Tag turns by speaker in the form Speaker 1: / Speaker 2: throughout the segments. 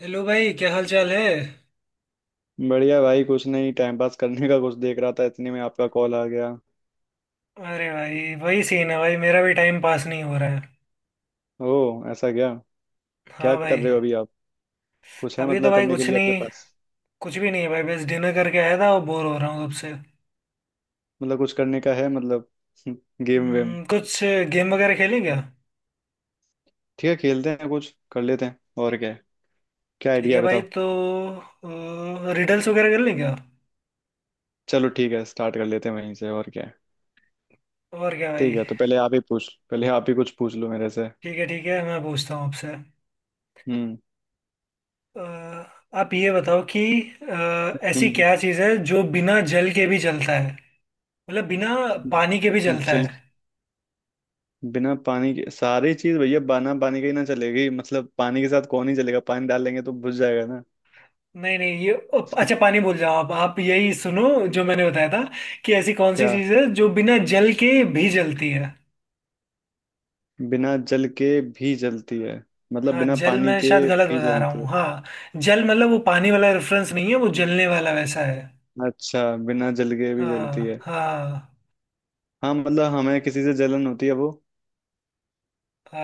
Speaker 1: Hello भाई क्या हाल चाल है।
Speaker 2: बढ़िया भाई कुछ नहीं टाइम पास करने का कुछ देख रहा था, इतने में आपका कॉल आ गया।
Speaker 1: अरे भाई वही सीन है भाई मेरा भी टाइम पास नहीं हो रहा है।
Speaker 2: ओ, ऐसा क्या? क्या
Speaker 1: हाँ
Speaker 2: कर
Speaker 1: भाई।
Speaker 2: रहे हो अभी आप? कुछ है
Speaker 1: अभी तो
Speaker 2: मतलब
Speaker 1: भाई
Speaker 2: करने के
Speaker 1: कुछ
Speaker 2: लिए आपके
Speaker 1: नहीं।
Speaker 2: पास?
Speaker 1: कुछ भी नहीं है भाई बस डिनर करके आया था और बोर हो रहा हूँ तब से।
Speaker 2: मतलब कुछ करने का है मतलब। गेम वेम।
Speaker 1: कुछ गेम वगैरह खेलें क्या।
Speaker 2: ठीक है, खेलते हैं कुछ कर लेते हैं, और क्या है। क्या
Speaker 1: ठीक
Speaker 2: आइडिया
Speaker 1: है
Speaker 2: है
Speaker 1: भाई
Speaker 2: बताओ।
Speaker 1: तो रिडल्स वगैरह कर लें क्या।
Speaker 2: चलो ठीक है, स्टार्ट कर लेते हैं वहीं से, और क्या है।
Speaker 1: और क्या भाई।
Speaker 2: ठीक है, तो पहले आप ही कुछ पूछ लो मेरे से।
Speaker 1: ठीक है मैं पूछता हूँ आपसे।
Speaker 2: हम्म,
Speaker 1: अ, आप ये बताओ कि ऐसी
Speaker 2: हम्म,
Speaker 1: क्या चीज़ है जो बिना जल के भी जलता है। मतलब बिना पानी के भी जलता है।
Speaker 2: चल। बिना पानी के सारी चीज भैया, बिना पानी के ही ना चलेगी, मतलब पानी के साथ कौन ही चलेगा, पानी डाल लेंगे तो बुझ जाएगा ना।
Speaker 1: नहीं नहीं ये अच्छा पानी भूल जाओ आप यही सुनो जो मैंने बताया था कि ऐसी कौन सी
Speaker 2: क्या?
Speaker 1: चीज़ है जो बिना जल के भी जलती है।
Speaker 2: बिना जल के भी जलती है, मतलब
Speaker 1: हाँ
Speaker 2: बिना
Speaker 1: जल
Speaker 2: पानी
Speaker 1: मैं
Speaker 2: के
Speaker 1: शायद गलत
Speaker 2: भी
Speaker 1: बता रहा
Speaker 2: जलती है।
Speaker 1: हूँ। हाँ जल मतलब वो पानी वाला रेफरेंस नहीं है वो जलने वाला वैसा है।
Speaker 2: अच्छा। बिना जल के भी जलती
Speaker 1: हाँ
Speaker 2: है।
Speaker 1: हाँ।
Speaker 2: हाँ, मतलब हमें किसी से जलन होती है वो।
Speaker 1: आ,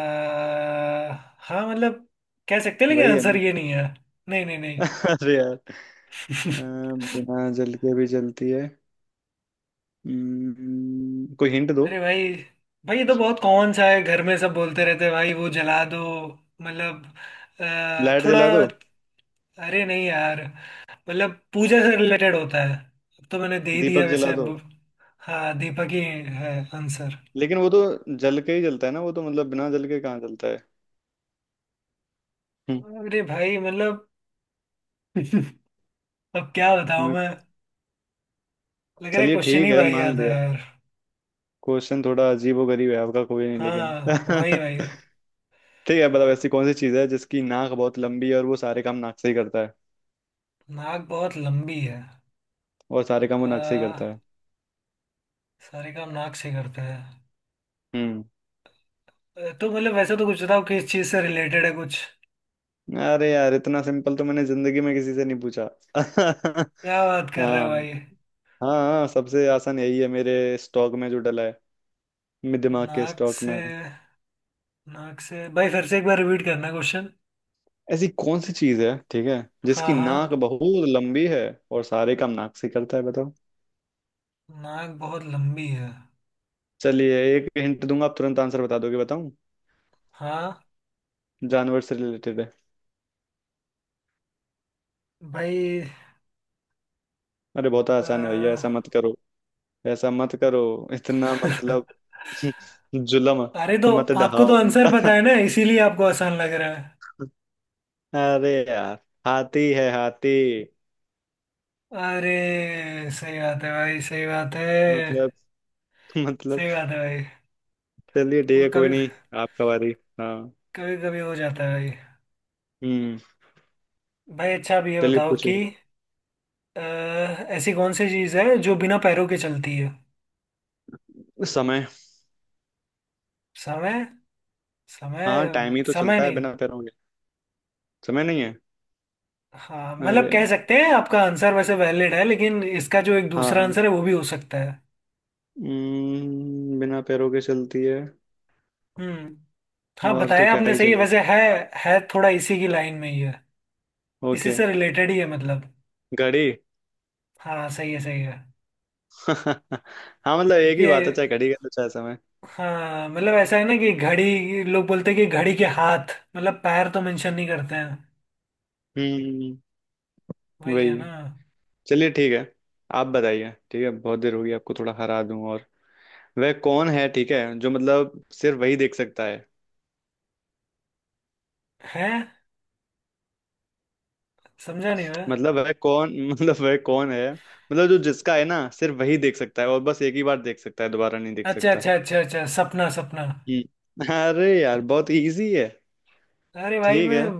Speaker 1: हाँ मतलब कह सकते हैं लेकिन
Speaker 2: वही है
Speaker 1: आंसर
Speaker 2: ना?
Speaker 1: ये नहीं है। नहीं नहीं।
Speaker 2: अरे यार। अ,
Speaker 1: नहीं
Speaker 2: बिना जल के भी जलती है। कोई हिंट दो।
Speaker 1: अरे भाई भाई ये तो बहुत कॉमन सा है घर में सब बोलते रहते हैं भाई वो जला दो मतलब
Speaker 2: लाइट
Speaker 1: थोड़ा
Speaker 2: जला दो।
Speaker 1: अरे नहीं यार मतलब पूजा से रिलेटेड होता है। अब तो मैंने दे ही दिया
Speaker 2: दीपक
Speaker 1: वैसे
Speaker 2: जला
Speaker 1: अब।
Speaker 2: दो।
Speaker 1: हाँ दीपक ही है आंसर।
Speaker 2: लेकिन वो तो जल के ही जलता है ना, वो तो मतलब बिना जल के कहाँ जलता है। हम्म,
Speaker 1: अरे भाई मतलब अब क्या बताऊं
Speaker 2: मैं-
Speaker 1: मैं। लग रहा है
Speaker 2: चलिए
Speaker 1: क्वेश्चन
Speaker 2: ठीक
Speaker 1: ही
Speaker 2: है,
Speaker 1: भाई
Speaker 2: मान
Speaker 1: आता है
Speaker 2: लिया।
Speaker 1: यार।
Speaker 2: क्वेश्चन थोड़ा अजीबो गरीब है आपका, कोई नहीं लेकिन।
Speaker 1: हाँ वही भाई।
Speaker 2: ठीक है, मतलब ऐसी कौन सी चीज़ है जिसकी नाक बहुत लंबी है और वो सारे काम नाक से ही करता है।
Speaker 1: नाक बहुत लंबी है।
Speaker 2: और सारे काम वो नाक से ही करता
Speaker 1: अ,
Speaker 2: है।
Speaker 1: सारे काम नाक से करते हैं।
Speaker 2: हम्म
Speaker 1: तो मतलब वैसे तो कुछ बताओ किस चीज से रिलेटेड है कुछ।
Speaker 2: अरे यार, इतना सिंपल तो मैंने जिंदगी में किसी से नहीं पूछा।
Speaker 1: क्या बात कर रहे हो
Speaker 2: हाँ।
Speaker 1: भाई।
Speaker 2: हाँ, हाँ, सबसे आसान यही है मेरे स्टॉक में जो डला है, मेरे दिमाग के
Speaker 1: नाक
Speaker 2: स्टॉक
Speaker 1: से
Speaker 2: में।
Speaker 1: नाक से भाई फिर से एक बार रिपीट करना क्वेश्चन।
Speaker 2: ऐसी कौन सी चीज़ है, ठीक है,
Speaker 1: हाँ
Speaker 2: जिसकी
Speaker 1: हाँ।
Speaker 2: नाक बहुत लंबी है और सारे काम नाक से ही करता है, बताओ।
Speaker 1: नाक बहुत लंबी है।
Speaker 2: चलिए एक हिंट दूंगा, आप तुरंत आंसर बता दोगे, बताऊं?
Speaker 1: हाँ
Speaker 2: जानवर से रिलेटेड है।
Speaker 1: भाई।
Speaker 2: अरे बहुत आसान है भैया, ऐसा
Speaker 1: अ,
Speaker 2: मत करो। ऐसा मत करो, इतना मतलब जुलम
Speaker 1: अरे तो
Speaker 2: मत
Speaker 1: आपको तो
Speaker 2: डहाओ।
Speaker 1: आंसर पता है ना इसीलिए आपको आसान लग रहा है।
Speaker 2: अरे यार, हाथी है हाथी।
Speaker 1: अरे सही बात है भाई सही बात है।
Speaker 2: मतलब मतलब
Speaker 1: सही बात है भाई।
Speaker 2: चलिए ठीक
Speaker 1: वो
Speaker 2: है, कोई
Speaker 1: कभी
Speaker 2: नहीं, आपका बारी। हाँ।
Speaker 1: कभी कभी हो जाता है भाई।
Speaker 2: हम्म
Speaker 1: भाई अच्छा आप ये
Speaker 2: चलिए
Speaker 1: बताओ कि
Speaker 2: पूछिए।
Speaker 1: अ, ऐसी कौन सी चीज़ है जो बिना पैरों के चलती है।
Speaker 2: समय।
Speaker 1: समय।
Speaker 2: हाँ,
Speaker 1: समय।
Speaker 2: टाइम ही तो
Speaker 1: समय
Speaker 2: चलता है
Speaker 1: नहीं।
Speaker 2: बिना पैरों के। समय नहीं है?
Speaker 1: हाँ
Speaker 2: अरे
Speaker 1: मतलब कह
Speaker 2: यार।
Speaker 1: सकते हैं आपका आंसर वैसे वैलिड है लेकिन इसका जो एक दूसरा
Speaker 2: हाँ।
Speaker 1: आंसर है वो भी हो सकता है।
Speaker 2: बिना पैरों के चलती है।
Speaker 1: हम्म। हाँ
Speaker 2: और तो
Speaker 1: बताया
Speaker 2: क्या
Speaker 1: आपने
Speaker 2: ही
Speaker 1: सही है
Speaker 2: चलेगा।
Speaker 1: वैसे। है थोड़ा इसी की लाइन में ही है। इसी
Speaker 2: ओके।
Speaker 1: से रिलेटेड ही है मतलब।
Speaker 2: घड़ी।
Speaker 1: हाँ सही है सही है।
Speaker 2: हाँ, मतलब एक ही
Speaker 1: क्योंकि
Speaker 2: बात है, चाहे घड़ी का तो चाहे समय।
Speaker 1: हाँ मतलब ऐसा है ना कि घड़ी लोग बोलते हैं कि घड़ी के हाथ मतलब पैर तो मेंशन नहीं करते हैं।
Speaker 2: हम्म
Speaker 1: वही है
Speaker 2: वही।
Speaker 1: ना।
Speaker 2: चलिए ठीक है, आप बताइए। ठीक है, बहुत देर हो गई, आपको थोड़ा हरा दूं और। वह कौन है, ठीक है, जो मतलब सिर्फ वही देख सकता है।
Speaker 1: है समझा नहीं मैं।
Speaker 2: मतलब वह कौन मतलब वह कौन है, मतलब जो, जिसका है ना सिर्फ वही देख सकता है, और बस एक ही बार देख सकता है, दोबारा नहीं देख
Speaker 1: अच्छा
Speaker 2: सकता।
Speaker 1: अच्छा अच्छा अच्छा सपना सपना।
Speaker 2: अरे यार, बहुत इजी है।
Speaker 1: अरे भाई
Speaker 2: ठीक
Speaker 1: मैं
Speaker 2: है।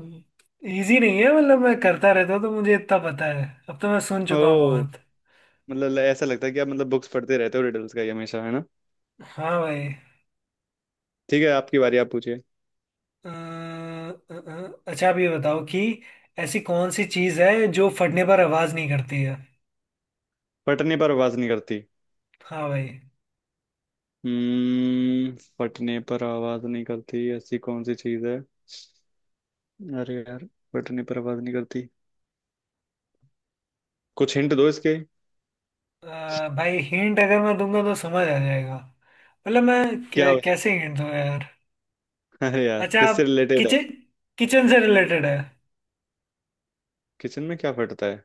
Speaker 1: इजी नहीं है मतलब मैं करता रहता हूँ तो मुझे इतना पता है। अब तो मैं सुन चुका हूँ
Speaker 2: ओ।
Speaker 1: बहुत।
Speaker 2: मतलब ऐसा लगता है कि आप मतलब बुक्स पढ़ते रहते हो रिडल्स का ही हमेशा, है ना?
Speaker 1: हाँ भाई।
Speaker 2: ठीक है, आपकी बारी, आप पूछिए।
Speaker 1: अच्छा आप ये बताओ कि ऐसी कौन सी चीज़ है जो फटने पर आवाज़ नहीं करती है।
Speaker 2: फटने पर आवाज नहीं करती?
Speaker 1: हाँ भाई।
Speaker 2: फटने पर आवाज नहीं करती, ऐसी कौन सी चीज है? अरे यार, बटन पर आवाज नहीं करती। कुछ हिंट दो इसके।
Speaker 1: भाई हिंट अगर मैं दूंगा तो समझ आ जाएगा। मतलब मैं
Speaker 2: क्या हो?
Speaker 1: कैसे हिंट दूंगा यार।
Speaker 2: अरे यार,
Speaker 1: अच्छा
Speaker 2: किससे
Speaker 1: आप
Speaker 2: रिलेटेड है?
Speaker 1: किचन किचन से रिलेटेड है।
Speaker 2: किचन में क्या फटता है?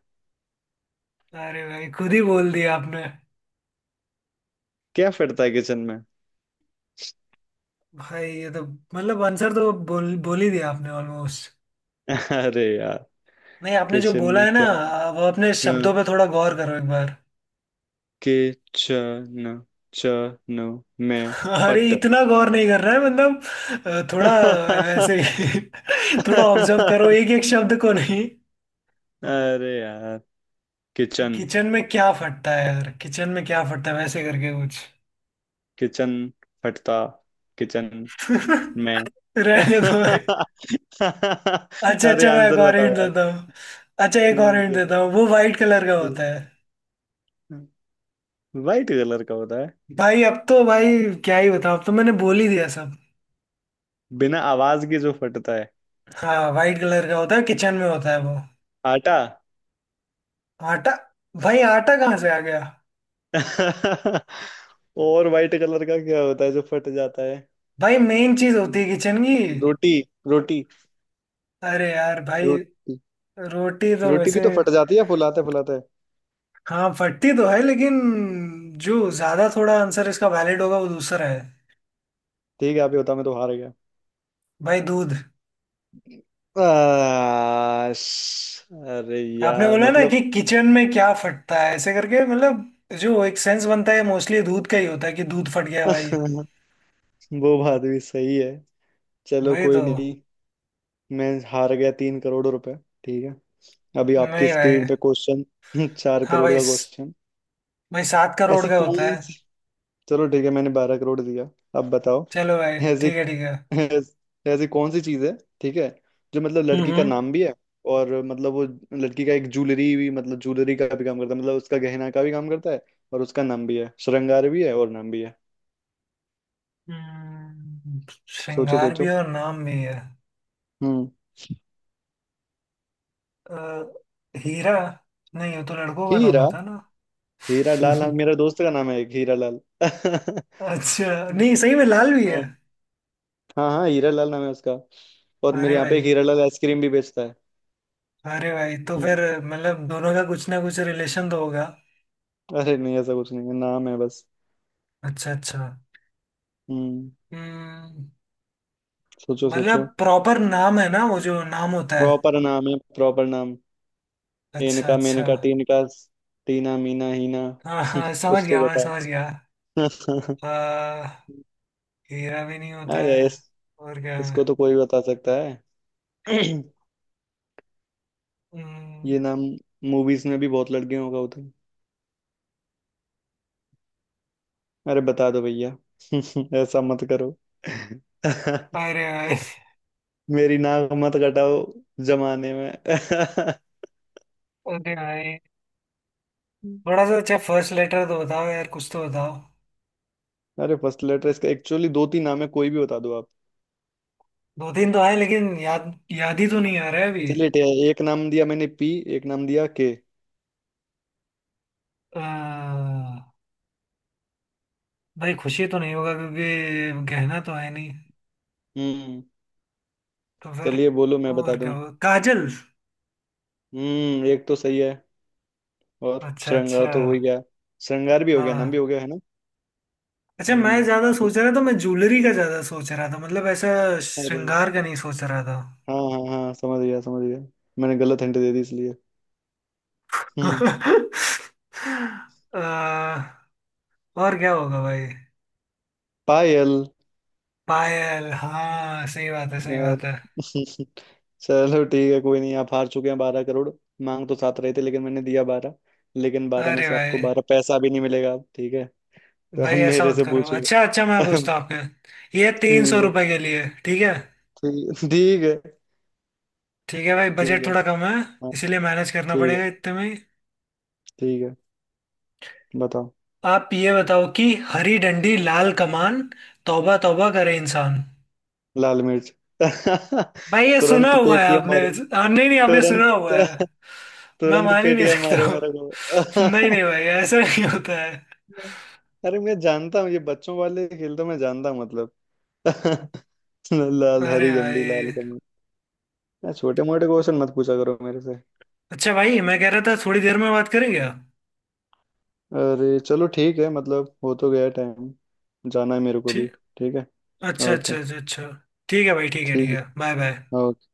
Speaker 1: अरे भाई खुद ही बोल दिया आपने।
Speaker 2: क्या फटता है किचन में?
Speaker 1: भाई ये तो मतलब आंसर तो बोल बोल ही दिया आपने ऑलमोस्ट।
Speaker 2: अरे यार,
Speaker 1: नहीं आपने जो
Speaker 2: किचन
Speaker 1: बोला
Speaker 2: में
Speaker 1: है ना
Speaker 2: क्या।
Speaker 1: अब अपने
Speaker 2: हाँ,
Speaker 1: शब्दों पे थोड़ा गौर करो एक बार।
Speaker 2: किचन। चन। में।
Speaker 1: अरे
Speaker 2: फट।
Speaker 1: इतना गौर नहीं कर रहा है मतलब थोड़ा वैसे ही थोड़ा ऑब्जर्व करो एक एक शब्द को। नहीं
Speaker 2: अरे यार,
Speaker 1: कि
Speaker 2: किचन।
Speaker 1: किचन में क्या फटता है यार किचन में क्या फटता है वैसे करके कुछ।
Speaker 2: किचन। फटता। किचन में।
Speaker 1: रहने दो भाई। अच्छा
Speaker 2: अरे
Speaker 1: अच्छा मैं एक
Speaker 2: आंसर
Speaker 1: और
Speaker 2: बताओ
Speaker 1: हिंट
Speaker 2: यार।
Speaker 1: देता हूँ। अच्छा एक और
Speaker 2: ठीक
Speaker 1: हिंट
Speaker 2: है।
Speaker 1: देता हूँ वो वाइट कलर का
Speaker 2: ठीक।
Speaker 1: होता है।
Speaker 2: वाइट कलर का होता है।
Speaker 1: भाई अब तो भाई क्या ही बताऊँ अब तो मैंने बोल ही दिया सब।
Speaker 2: बिना आवाज के जो फटता है।
Speaker 1: हाँ वाइट कलर का होता है किचन में होता है वो।
Speaker 2: आटा?
Speaker 1: आटा भाई आटा कहाँ से आ गया।
Speaker 2: और वाइट कलर का क्या होता है जो फट जाता है?
Speaker 1: भाई मेन चीज होती है किचन की।
Speaker 2: रोटी। रोटी।
Speaker 1: अरे यार भाई।
Speaker 2: रोटी।
Speaker 1: रोटी तो
Speaker 2: रोटी भी
Speaker 1: वैसे
Speaker 2: तो फट जाती है फुलाते फुलाते।
Speaker 1: हाँ फटती तो है लेकिन जो ज्यादा थोड़ा आंसर इसका वैलिड होगा वो दूसरा है।
Speaker 2: ठीक है, आप ही होता, मैं तो हार गया।
Speaker 1: भाई दूध।
Speaker 2: अरे
Speaker 1: आपने
Speaker 2: यार,
Speaker 1: बोला ना कि
Speaker 2: मतलब।
Speaker 1: किचन में क्या फटता है ऐसे करके मतलब जो एक सेंस बनता है मोस्टली दूध का ही होता है कि दूध फट गया भाई।
Speaker 2: वो बात भी सही है। चलो
Speaker 1: भाई
Speaker 2: कोई
Speaker 1: तो
Speaker 2: नहीं। मैं हार गया 3 करोड़ रुपए। ठीक है। अभी आपकी
Speaker 1: नहीं भाई।
Speaker 2: स्क्रीन पे क्वेश्चन। चार
Speaker 1: हाँ
Speaker 2: करोड़
Speaker 1: भाई
Speaker 2: का क्वेश्चन।
Speaker 1: भाई 7 करोड़
Speaker 2: ऐसी
Speaker 1: का होता
Speaker 2: कौन
Speaker 1: है।
Speaker 2: सी चलो ठीक है, मैंने 12 करोड़ दिया। अब बताओ।
Speaker 1: चलो भाई
Speaker 2: ऐसी
Speaker 1: ठीक है ठीक है।
Speaker 2: ऐसी कौन सी चीज है, ठीक है, जो मतलब लड़की का
Speaker 1: हम्म।
Speaker 2: नाम भी है, और मतलब वो लड़की का एक ज्वेलरी भी, मतलब ज्वेलरी का भी काम करता है, मतलब उसका गहना का भी काम करता है, और उसका नाम भी है, श्रृंगार भी है और नाम भी है।
Speaker 1: हम्म,
Speaker 2: सोचो
Speaker 1: श्रृंगार भी
Speaker 2: सोचो।
Speaker 1: है और नाम भी है।
Speaker 2: हम्म
Speaker 1: अ, हीरा। नहीं वो तो लड़कों का नाम
Speaker 2: हीरा।
Speaker 1: होता है
Speaker 2: हीरा
Speaker 1: ना।
Speaker 2: लाल? हाँ, मेरा दोस्त का नाम है एक, हीरा लाल।
Speaker 1: हाँ अच्छा नहीं सही में लाल भी है।
Speaker 2: हाँ, हाँ, हीरा लाल नाम है उसका। और मेरे
Speaker 1: अरे
Speaker 2: यहाँ पे
Speaker 1: भाई
Speaker 2: एक हीरा लाल आइसक्रीम भी बेचता है।
Speaker 1: अरे भाई तो
Speaker 2: हम्म,
Speaker 1: फिर मतलब दोनों का कुछ ना कुछ रिलेशन तो होगा।
Speaker 2: अरे नहीं, ऐसा कुछ नहीं है, नाम है बस।
Speaker 1: अच्छा अच्छा।
Speaker 2: हम्म
Speaker 1: हम्म,
Speaker 2: सोचो
Speaker 1: मतलब
Speaker 2: सोचो।
Speaker 1: प्रॉपर नाम है ना वो जो नाम होता है।
Speaker 2: प्रॉपर नाम है, प्रॉपर नाम।
Speaker 1: अच्छा
Speaker 2: इनका,
Speaker 1: अच्छा।
Speaker 2: मेनका, टीनका। टीना, मीना, हीना।
Speaker 1: हाँ हाँ समझ
Speaker 2: कुछ
Speaker 1: गया
Speaker 2: तो
Speaker 1: मैं समझ गया।
Speaker 2: बताओ।
Speaker 1: आ, हीरा भी नहीं होता
Speaker 2: अरे
Speaker 1: है। और क्या है।
Speaker 2: इसको तो कोई बता सकता है।
Speaker 1: हम्म,
Speaker 2: ये नाम मूवीज में भी बहुत लड़कियों का होता है। अरे बता दो भैया। ऐसा मत करो।
Speaker 1: अरे भाई
Speaker 2: मेरी नाक मत कटाओ जमाने में।
Speaker 1: अरे भाई थोड़ा सा अच्छा फर्स्ट लेटर तो बताओ यार कुछ तो बताओ।
Speaker 2: अरे फर्स्ट लेटर इसका, एक्चुअली दो तीन नाम है, कोई भी बता दो आप।
Speaker 1: दो दिन तो आए लेकिन याद याद ही तो नहीं आ रहा है अभी।
Speaker 2: चलिए ठीक है, एक नाम दिया मैंने, पी। एक नाम दिया, के।
Speaker 1: अह, भाई खुशी तो नहीं होगा क्योंकि गहना तो है नहीं
Speaker 2: हम्म
Speaker 1: तो फिर
Speaker 2: चलिए, बोलो मैं बता
Speaker 1: और क्या
Speaker 2: दूं।
Speaker 1: होगा काजल।
Speaker 2: एक तो सही है। और
Speaker 1: अच्छा
Speaker 2: श्रृंगार
Speaker 1: अच्छा।
Speaker 2: तो हो ही गया। श्रृंगार भी हो गया, नाम भी
Speaker 1: हाँ
Speaker 2: हो गया, है ना।
Speaker 1: अच्छा मैं
Speaker 2: हम्म
Speaker 1: ज्यादा
Speaker 2: दो-
Speaker 1: सोच रहा था मैं ज्वेलरी का ज्यादा सोच रहा था मतलब ऐसा
Speaker 2: अरे
Speaker 1: श्रृंगार का नहीं सोच रहा था।
Speaker 2: हाँ, हाँ, हाँ, समझ गया, समझ गया। मैंने गलत हिंट दे दी इसलिए। हम्म
Speaker 1: अह, और क्या होगा भाई
Speaker 2: पायल
Speaker 1: पायल। हाँ सही बात है सही
Speaker 2: यार।
Speaker 1: बात है।
Speaker 2: चलो ठीक है, कोई नहीं, आप हार चुके हैं 12 करोड़। मांग तो सात रहे थे, लेकिन मैंने दिया 12। लेकिन बारह में
Speaker 1: अरे
Speaker 2: से
Speaker 1: भाई
Speaker 2: आपको 12 पैसा भी नहीं मिलेगा अब, ठीक है। तो
Speaker 1: भाई
Speaker 2: अब
Speaker 1: ऐसा
Speaker 2: मेरे
Speaker 1: मत
Speaker 2: से
Speaker 1: करो
Speaker 2: पूछो।
Speaker 1: अच्छा अच्छा मैं पूछता हूँ आपके ये तीन सौ
Speaker 2: ठीक है।
Speaker 1: रुपए के लिए ठीक है।
Speaker 2: ठीक, ठीक है।
Speaker 1: ठीक है भाई
Speaker 2: ठीक
Speaker 1: बजट
Speaker 2: है।
Speaker 1: थोड़ा कम है
Speaker 2: हाँ।
Speaker 1: इसीलिए मैनेज करना
Speaker 2: ठीक है।
Speaker 1: पड़ेगा इतने में ही।
Speaker 2: ठीक है, बताओ।
Speaker 1: आप ये बताओ कि हरी डंडी लाल कमान तौबा तौबा करे इंसान।
Speaker 2: लाल मिर्च।
Speaker 1: भाई ये सुना
Speaker 2: तुरंत
Speaker 1: हुआ है
Speaker 2: पेटियां
Speaker 1: आपने।
Speaker 2: मारो।
Speaker 1: नहीं नहीं आपने
Speaker 2: तुरंत
Speaker 1: सुना हुआ है। मैं
Speaker 2: तुरंत
Speaker 1: मान ही नहीं
Speaker 2: पेटियां
Speaker 1: सकता
Speaker 2: मारो
Speaker 1: हूँ।
Speaker 2: मेरे को।
Speaker 1: नहीं नहीं भाई ऐसा नहीं होता है।
Speaker 2: अरे मैं जानता हूँ, ये बच्चों वाले खेल तो मैं जानता हूँ, मतलब। लाल
Speaker 1: अरे
Speaker 2: हरी झंडी लाल
Speaker 1: भाई
Speaker 2: कमल। छोटे मोटे क्वेश्चन मत पूछा करो मेरे से।
Speaker 1: अच्छा भाई मैं कह रहा था थोड़ी देर में बात करेंगे आप।
Speaker 2: अरे चलो ठीक है, मतलब हो तो गया टाइम। जाना है मेरे को भी।
Speaker 1: ठीक
Speaker 2: ठीक है।
Speaker 1: अच्छा
Speaker 2: ओके।
Speaker 1: अच्छा अच्छा अच्छा ठीक है भाई ठीक
Speaker 2: ठीक।
Speaker 1: है बाय बाय।
Speaker 2: ओके।